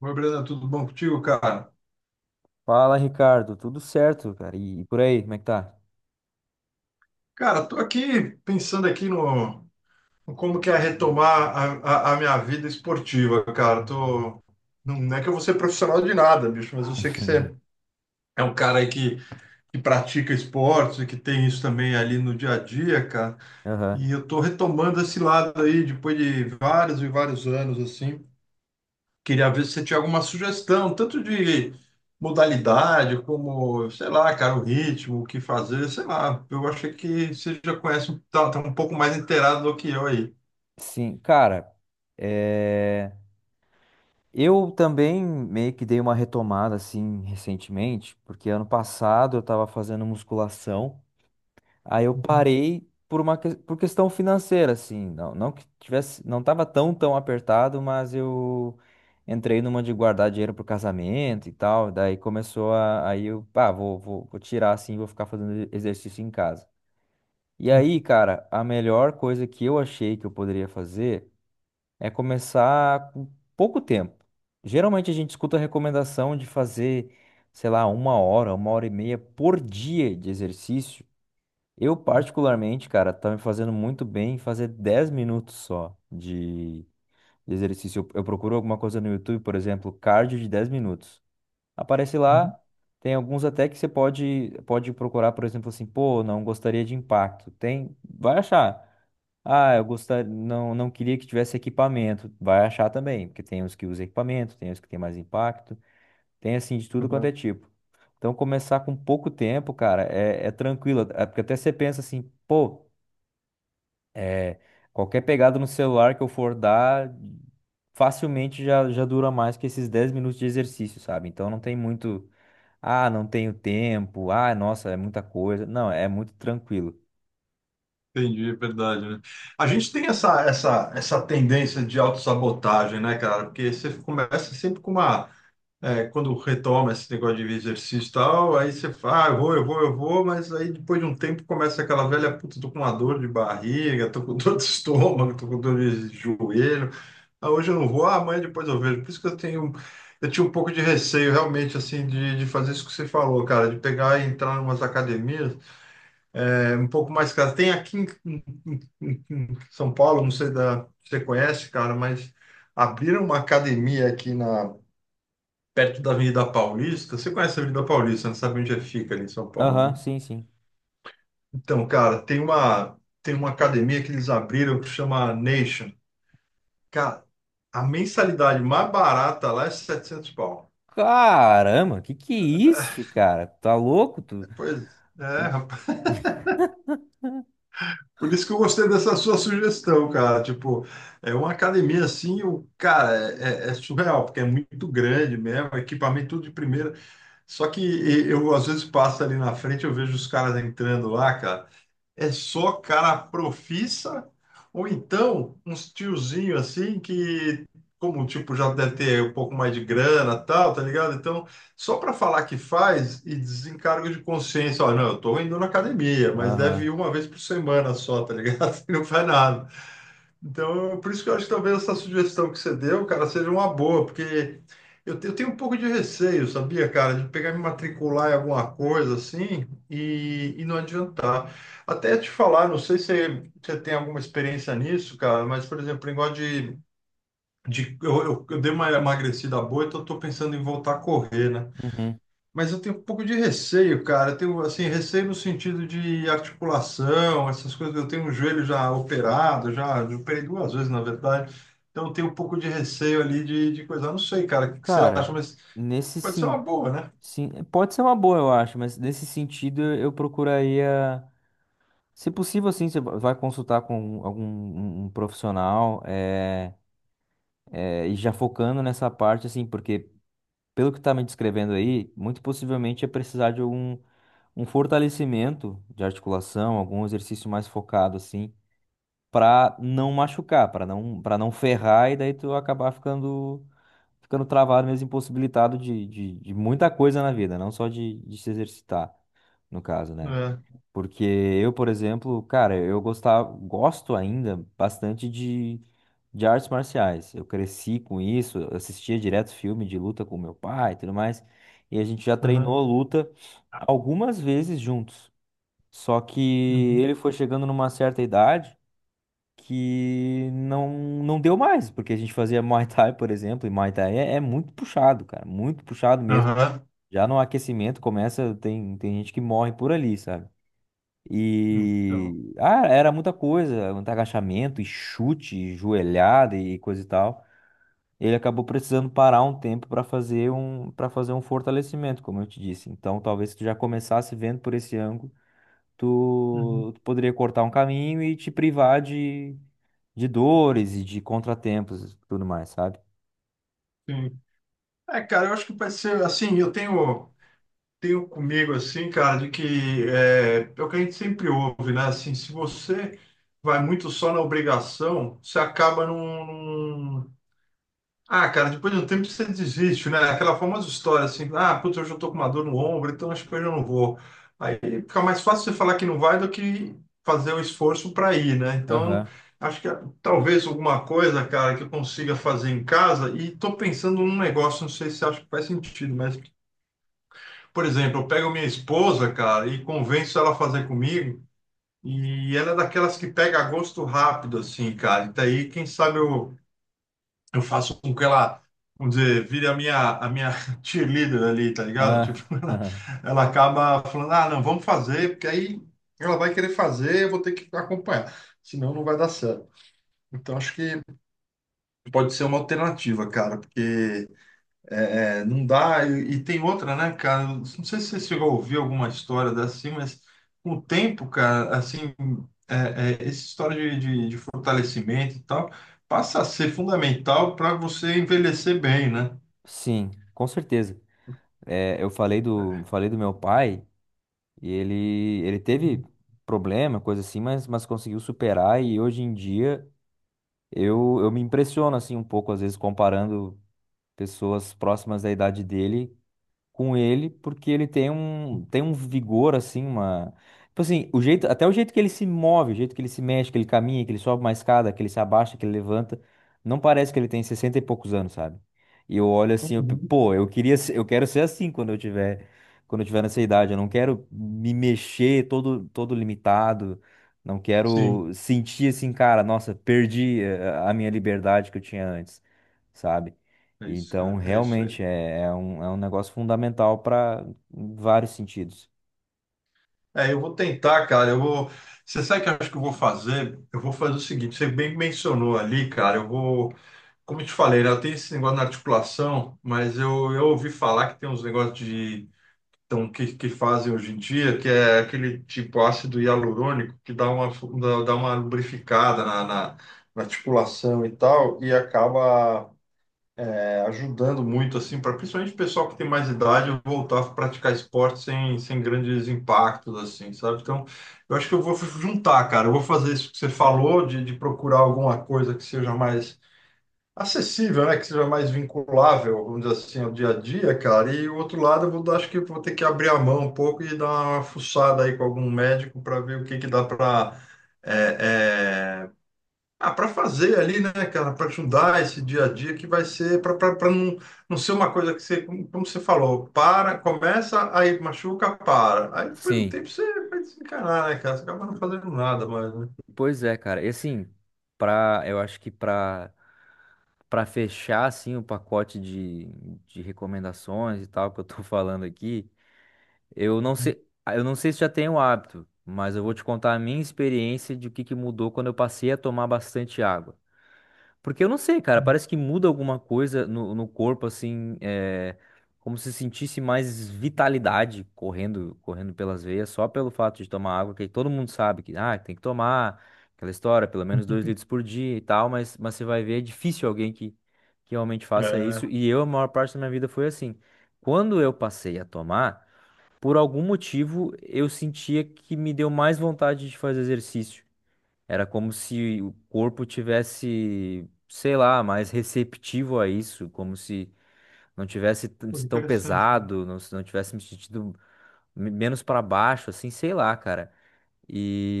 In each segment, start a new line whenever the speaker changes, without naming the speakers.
Oi, Brenda, tudo bom contigo, cara?
Fala, Ricardo. Tudo certo, cara? E por aí, como é que tá?
Cara, tô aqui pensando aqui no como que é retomar a minha vida esportiva, cara. Não é que eu vou ser profissional de nada, bicho, mas eu sei que você é um cara aí que pratica esportes e que tem isso também ali no dia a dia, cara.
Aham.
E eu tô retomando esse lado aí depois de vários e vários anos, assim. Queria ver se você tinha alguma sugestão, tanto de modalidade, como, sei lá, cara, o ritmo, o que fazer, sei lá. Eu achei que você já conhece, tá um pouco mais inteirado do que eu aí.
Sim, cara, é, eu também meio que dei uma retomada assim recentemente, porque ano passado eu tava fazendo musculação, aí eu
Uhum,
parei por questão financeira, assim, não, não tava tão apertado, mas eu entrei numa de guardar dinheiro pro casamento e tal, aí eu, pá, vou tirar assim, vou ficar fazendo exercício em casa. E aí, cara, a melhor coisa que eu achei que eu poderia fazer é começar com pouco tempo. Geralmente a gente escuta a recomendação de fazer, sei lá, uma hora e meia por dia de exercício. Eu, particularmente, cara, tá me fazendo muito bem fazer 10 minutos só de exercício. Eu procuro alguma coisa no YouTube, por exemplo, cardio de 10 minutos. Aparece
uhum.
lá, tem alguns até que você pode procurar, por exemplo, assim, pô, não gostaria de impacto. Tem, vai achar. Ah, eu gostaria, não, não queria que tivesse equipamento. Vai achar também, porque tem os que usam equipamento, tem os que tem mais impacto, tem assim de tudo quanto
Uhum.
é tipo. Então começar com pouco tempo, cara, é tranquilo. É porque até você pensa assim, pô. É, qualquer pegada no celular que eu for dar, facilmente já dura mais que esses 10 minutos de exercício, sabe? Então não tem muito, ah, não tenho tempo, ah, nossa, é muita coisa. Não, é muito tranquilo.
Entendi, é verdade, né? A gente tem essa tendência de autossabotagem, né, cara? Porque você começa sempre com quando retoma esse negócio de exercício e tal, aí você fala, ah, eu vou, eu vou, eu vou, mas aí depois de um tempo começa aquela velha, puta, tô com uma dor de barriga, tô com dor de estômago, tô com dor de joelho, ah, hoje eu não vou, ah, amanhã depois eu vejo. Por isso que eu tinha um pouco de receio realmente, assim, de fazer isso que você falou, cara, de pegar e entrar em umas academias, é um pouco mais caras. Tem aqui em São Paulo, não sei se você conhece, cara, mas abriram uma academia aqui na perto da Avenida Paulista. Você conhece a Avenida Paulista, não sabe onde é que fica ali em São Paulo,
Aham,
né?
sim, sim.
Então, cara, tem uma academia que eles abriram que chama Nation. Cara, a mensalidade mais barata lá é 700 pau.
Caramba, que é isso, cara? Tá louco? Tu...
Pois é,
tu-
rapaz. Por isso que eu gostei dessa sua sugestão, cara. Tipo, é uma academia assim, o cara, é surreal, porque é muito grande mesmo, equipamento tudo de primeira. Só que eu às vezes passo ali na frente, eu vejo os caras entrando lá, cara. É só cara profissa, ou então uns tiozinho assim que, como tipo, já deve ter um pouco mais de grana tal, tá ligado? Então, só para falar que faz e desencargo de consciência, ó, não, eu tô indo na academia, mas deve ir
Aham.
uma vez por semana só, tá ligado? Não faz nada. Então, por isso que eu acho que talvez essa sugestão que você deu, cara, seja uma boa, porque eu tenho um pouco de receio, sabia, cara, de pegar e me matricular em alguma coisa assim e não adiantar. Até te falar, não sei se você tem alguma experiência nisso, cara, mas, por exemplo, o negócio de eu dei uma emagrecida boa, então eu tô pensando em voltar a correr, né?
Uhum.
Mas eu tenho um pouco de receio, cara. Eu tenho, assim, receio no sentido de articulação, essas coisas. Eu tenho um joelho já operado, já operei duas vezes, na verdade. Então, eu tenho um pouco de receio ali de coisa. Eu não sei, cara, o que, que você acha,
Cara,
mas
nesse
pode ser uma boa, né?
sim, pode ser uma boa, eu acho, mas nesse sentido eu procuraria. Se possível, assim, vai consultar com um profissional é, e já focando nessa parte, assim, porque pelo que está me descrevendo aí, muito possivelmente é precisar de algum um fortalecimento de articulação, algum exercício mais focado, assim, para não machucar, para não ferrar e daí tu acabar ficando travado mesmo, impossibilitado de, de muita coisa na vida, não só de se exercitar, no caso, né?
É.
Porque eu, por exemplo, cara, gosto ainda bastante de artes marciais. Eu cresci com isso, eu assistia direto filme de luta com meu pai e tudo mais. E a gente já
Aham.
treinou luta algumas vezes juntos. Só que
Uhum.
ele foi chegando numa certa idade que não deu mais, porque a gente fazia Muay Thai, por exemplo, e Muay Thai é muito puxado, cara, muito puxado mesmo.
Aham.
Já no aquecimento começa, tem gente que morre por ali, sabe?
Então.
E ah, era muita coisa, muito agachamento e chute, e joelhada e coisa e tal. Ele acabou precisando parar um tempo para fazer um fortalecimento, como eu te disse. Então, talvez se tu já começasse vendo por esse ângulo,
Uhum.
tu poderia cortar um caminho e te privar de dores e de contratempos e tudo mais, sabe?
Sim. É, cara, eu acho que pode ser assim. Eu tenho. Tenho comigo assim, cara, de que é, é o que a gente sempre ouve, né? Assim, se você vai muito só na obrigação, você acaba Ah, cara, depois de um tempo você desiste, né? Aquela famosa história assim, ah, putz, hoje eu tô com uma dor no ombro, então acho que hoje eu não vou. Aí fica mais fácil você falar que não vai do que fazer o esforço para ir, né? Então,
Aham.
acho que ah, talvez alguma coisa, cara, que eu consiga fazer em casa e tô pensando num negócio, não sei se acho que faz sentido, mas por exemplo, eu pego minha esposa, cara, e convenço ela a fazer comigo. E ela é daquelas que pega gosto rápido, assim, cara. E daí, quem sabe eu faço com que ela, vamos dizer, vire a minha cheerleader ali, tá ligado?
Ah,
Tipo, ela,
aham.
ela acaba falando, ah, não, vamos fazer, porque aí ela vai querer fazer, eu vou ter que acompanhar. Senão não vai dar certo. Então, acho que pode ser uma alternativa, cara, porque é, não dá. E tem outra, né, cara? Não sei se você chegou a ouvir alguma história dessa, assim, mas com o tempo, cara, assim, é, essa história de fortalecimento e tal passa a ser fundamental para você envelhecer bem, né?
Sim, com certeza. É, eu falei do meu pai. E ele, ele teve problema, coisa assim, mas conseguiu superar. E hoje em dia eu me impressiono assim um pouco, às vezes, comparando pessoas próximas da idade dele com ele, porque ele tem tem um vigor, assim, uma. Tipo assim, até o jeito que ele se move, o jeito que ele se mexe, que ele caminha, que ele sobe uma escada, que ele se abaixa, que ele levanta, não parece que ele tem 60 e poucos anos, sabe? E eu olho assim,
Uhum.
pô, eu quero ser assim quando eu tiver nessa idade, eu não quero me mexer todo, todo limitado. Não
Sim,
quero sentir assim, cara, nossa, perdi a minha liberdade que eu tinha antes, sabe?
é isso,
Então,
cara. É isso
realmente
aí.
é um negócio fundamental para vários sentidos.
É, eu vou tentar, cara. Eu vou. Você sabe o que eu acho que eu vou fazer? Eu vou fazer o seguinte: você bem mencionou ali, cara. Eu vou. Como eu te falei, né, eu tenho esse negócio na articulação, mas eu ouvi falar que tem uns negócios de que fazem hoje em dia, que é aquele tipo ácido hialurônico que dá uma, dá uma lubrificada na articulação e tal, e acaba é, ajudando muito, assim, para principalmente o pessoal que tem mais idade voltar a praticar esporte sem, sem grandes impactos, assim, sabe? Então, eu acho que eu vou juntar, cara, eu vou fazer isso que você falou, de procurar alguma coisa que seja mais acessível, né? Que seja mais vinculável, vamos dizer assim, ao dia a dia, cara. E o outro lado, eu vou, acho que eu vou ter que abrir a mão um pouco e dar uma fuçada aí com algum médico para ver o que que dá para é, é, para fazer ali, né, cara? Para ajudar esse dia a dia que vai ser para não, não ser uma coisa que você, como você falou, para, começa, aí machuca, para. Aí depois no
Sim,
tempo você vai desencanar, né, cara? Você acaba não fazendo nada mais, né?
pois é, cara. E assim, pra, eu acho que pra, pra fechar assim o pacote de recomendações e tal que eu tô falando aqui, eu não sei, eu não sei se já tenho hábito, mas eu vou te contar a minha experiência de o que que mudou quando eu passei a tomar bastante água. Porque eu não sei, cara, parece que muda alguma coisa no, no corpo, assim, é, como se sentisse mais vitalidade correndo, correndo pelas veias, só pelo fato de tomar água, que todo mundo sabe que, ah, tem que tomar aquela história, pelo menos 2 litros por dia e tal, mas você vai ver, é difícil alguém que realmente faça isso,
É,
e eu, a maior parte da minha vida foi assim. Quando eu passei a tomar, por algum motivo, eu sentia que me deu mais vontade de fazer exercício. Era como se o corpo tivesse, sei lá, mais receptivo a isso, como se não tivesse
pô,
tão
interessante, cara.
pesado, não, se não tivesse me sentido menos para baixo, assim, sei lá, cara.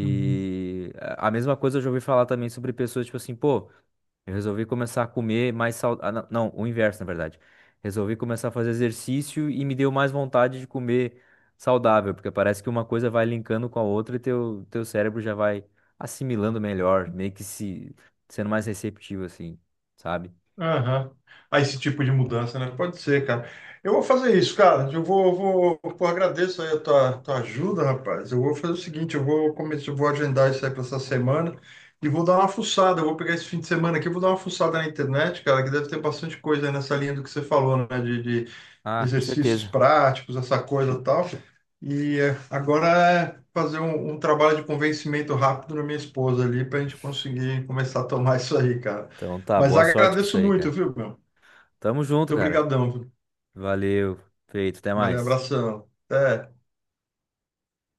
Uhum.
a mesma coisa eu já ouvi falar também sobre pessoas, tipo assim, pô, eu resolvi começar a comer mais saudável. Não, o inverso, na verdade. Resolvi começar a fazer exercício e me deu mais vontade de comer saudável, porque parece que uma coisa vai linkando com a outra e teu cérebro já vai assimilando melhor, meio que se sendo mais receptivo, assim, sabe?
Aham. Ah, esse tipo de mudança, né? Pode ser, cara. Eu vou fazer isso, cara. Eu vou, pô, agradeço aí a tua ajuda, rapaz. Eu vou fazer o seguinte, eu vou começar, eu vou agendar isso aí para essa semana e vou dar uma fuçada. Eu vou pegar esse fim de semana aqui, eu vou dar uma fuçada na internet, cara, que deve ter bastante coisa aí nessa linha do que você falou, né? De
Ah, com
exercícios
certeza.
práticos, essa coisa e tal. E é, agora é fazer um, um trabalho de convencimento rápido na minha esposa ali para a gente conseguir começar a tomar isso aí, cara.
Então tá,
Mas
boa sorte com isso
agradeço
aí,
muito,
cara.
viu, meu? Muito
Tamo junto, cara.
obrigadão, viu?
Valeu, feito, até
Valeu,
mais.
abração. Até.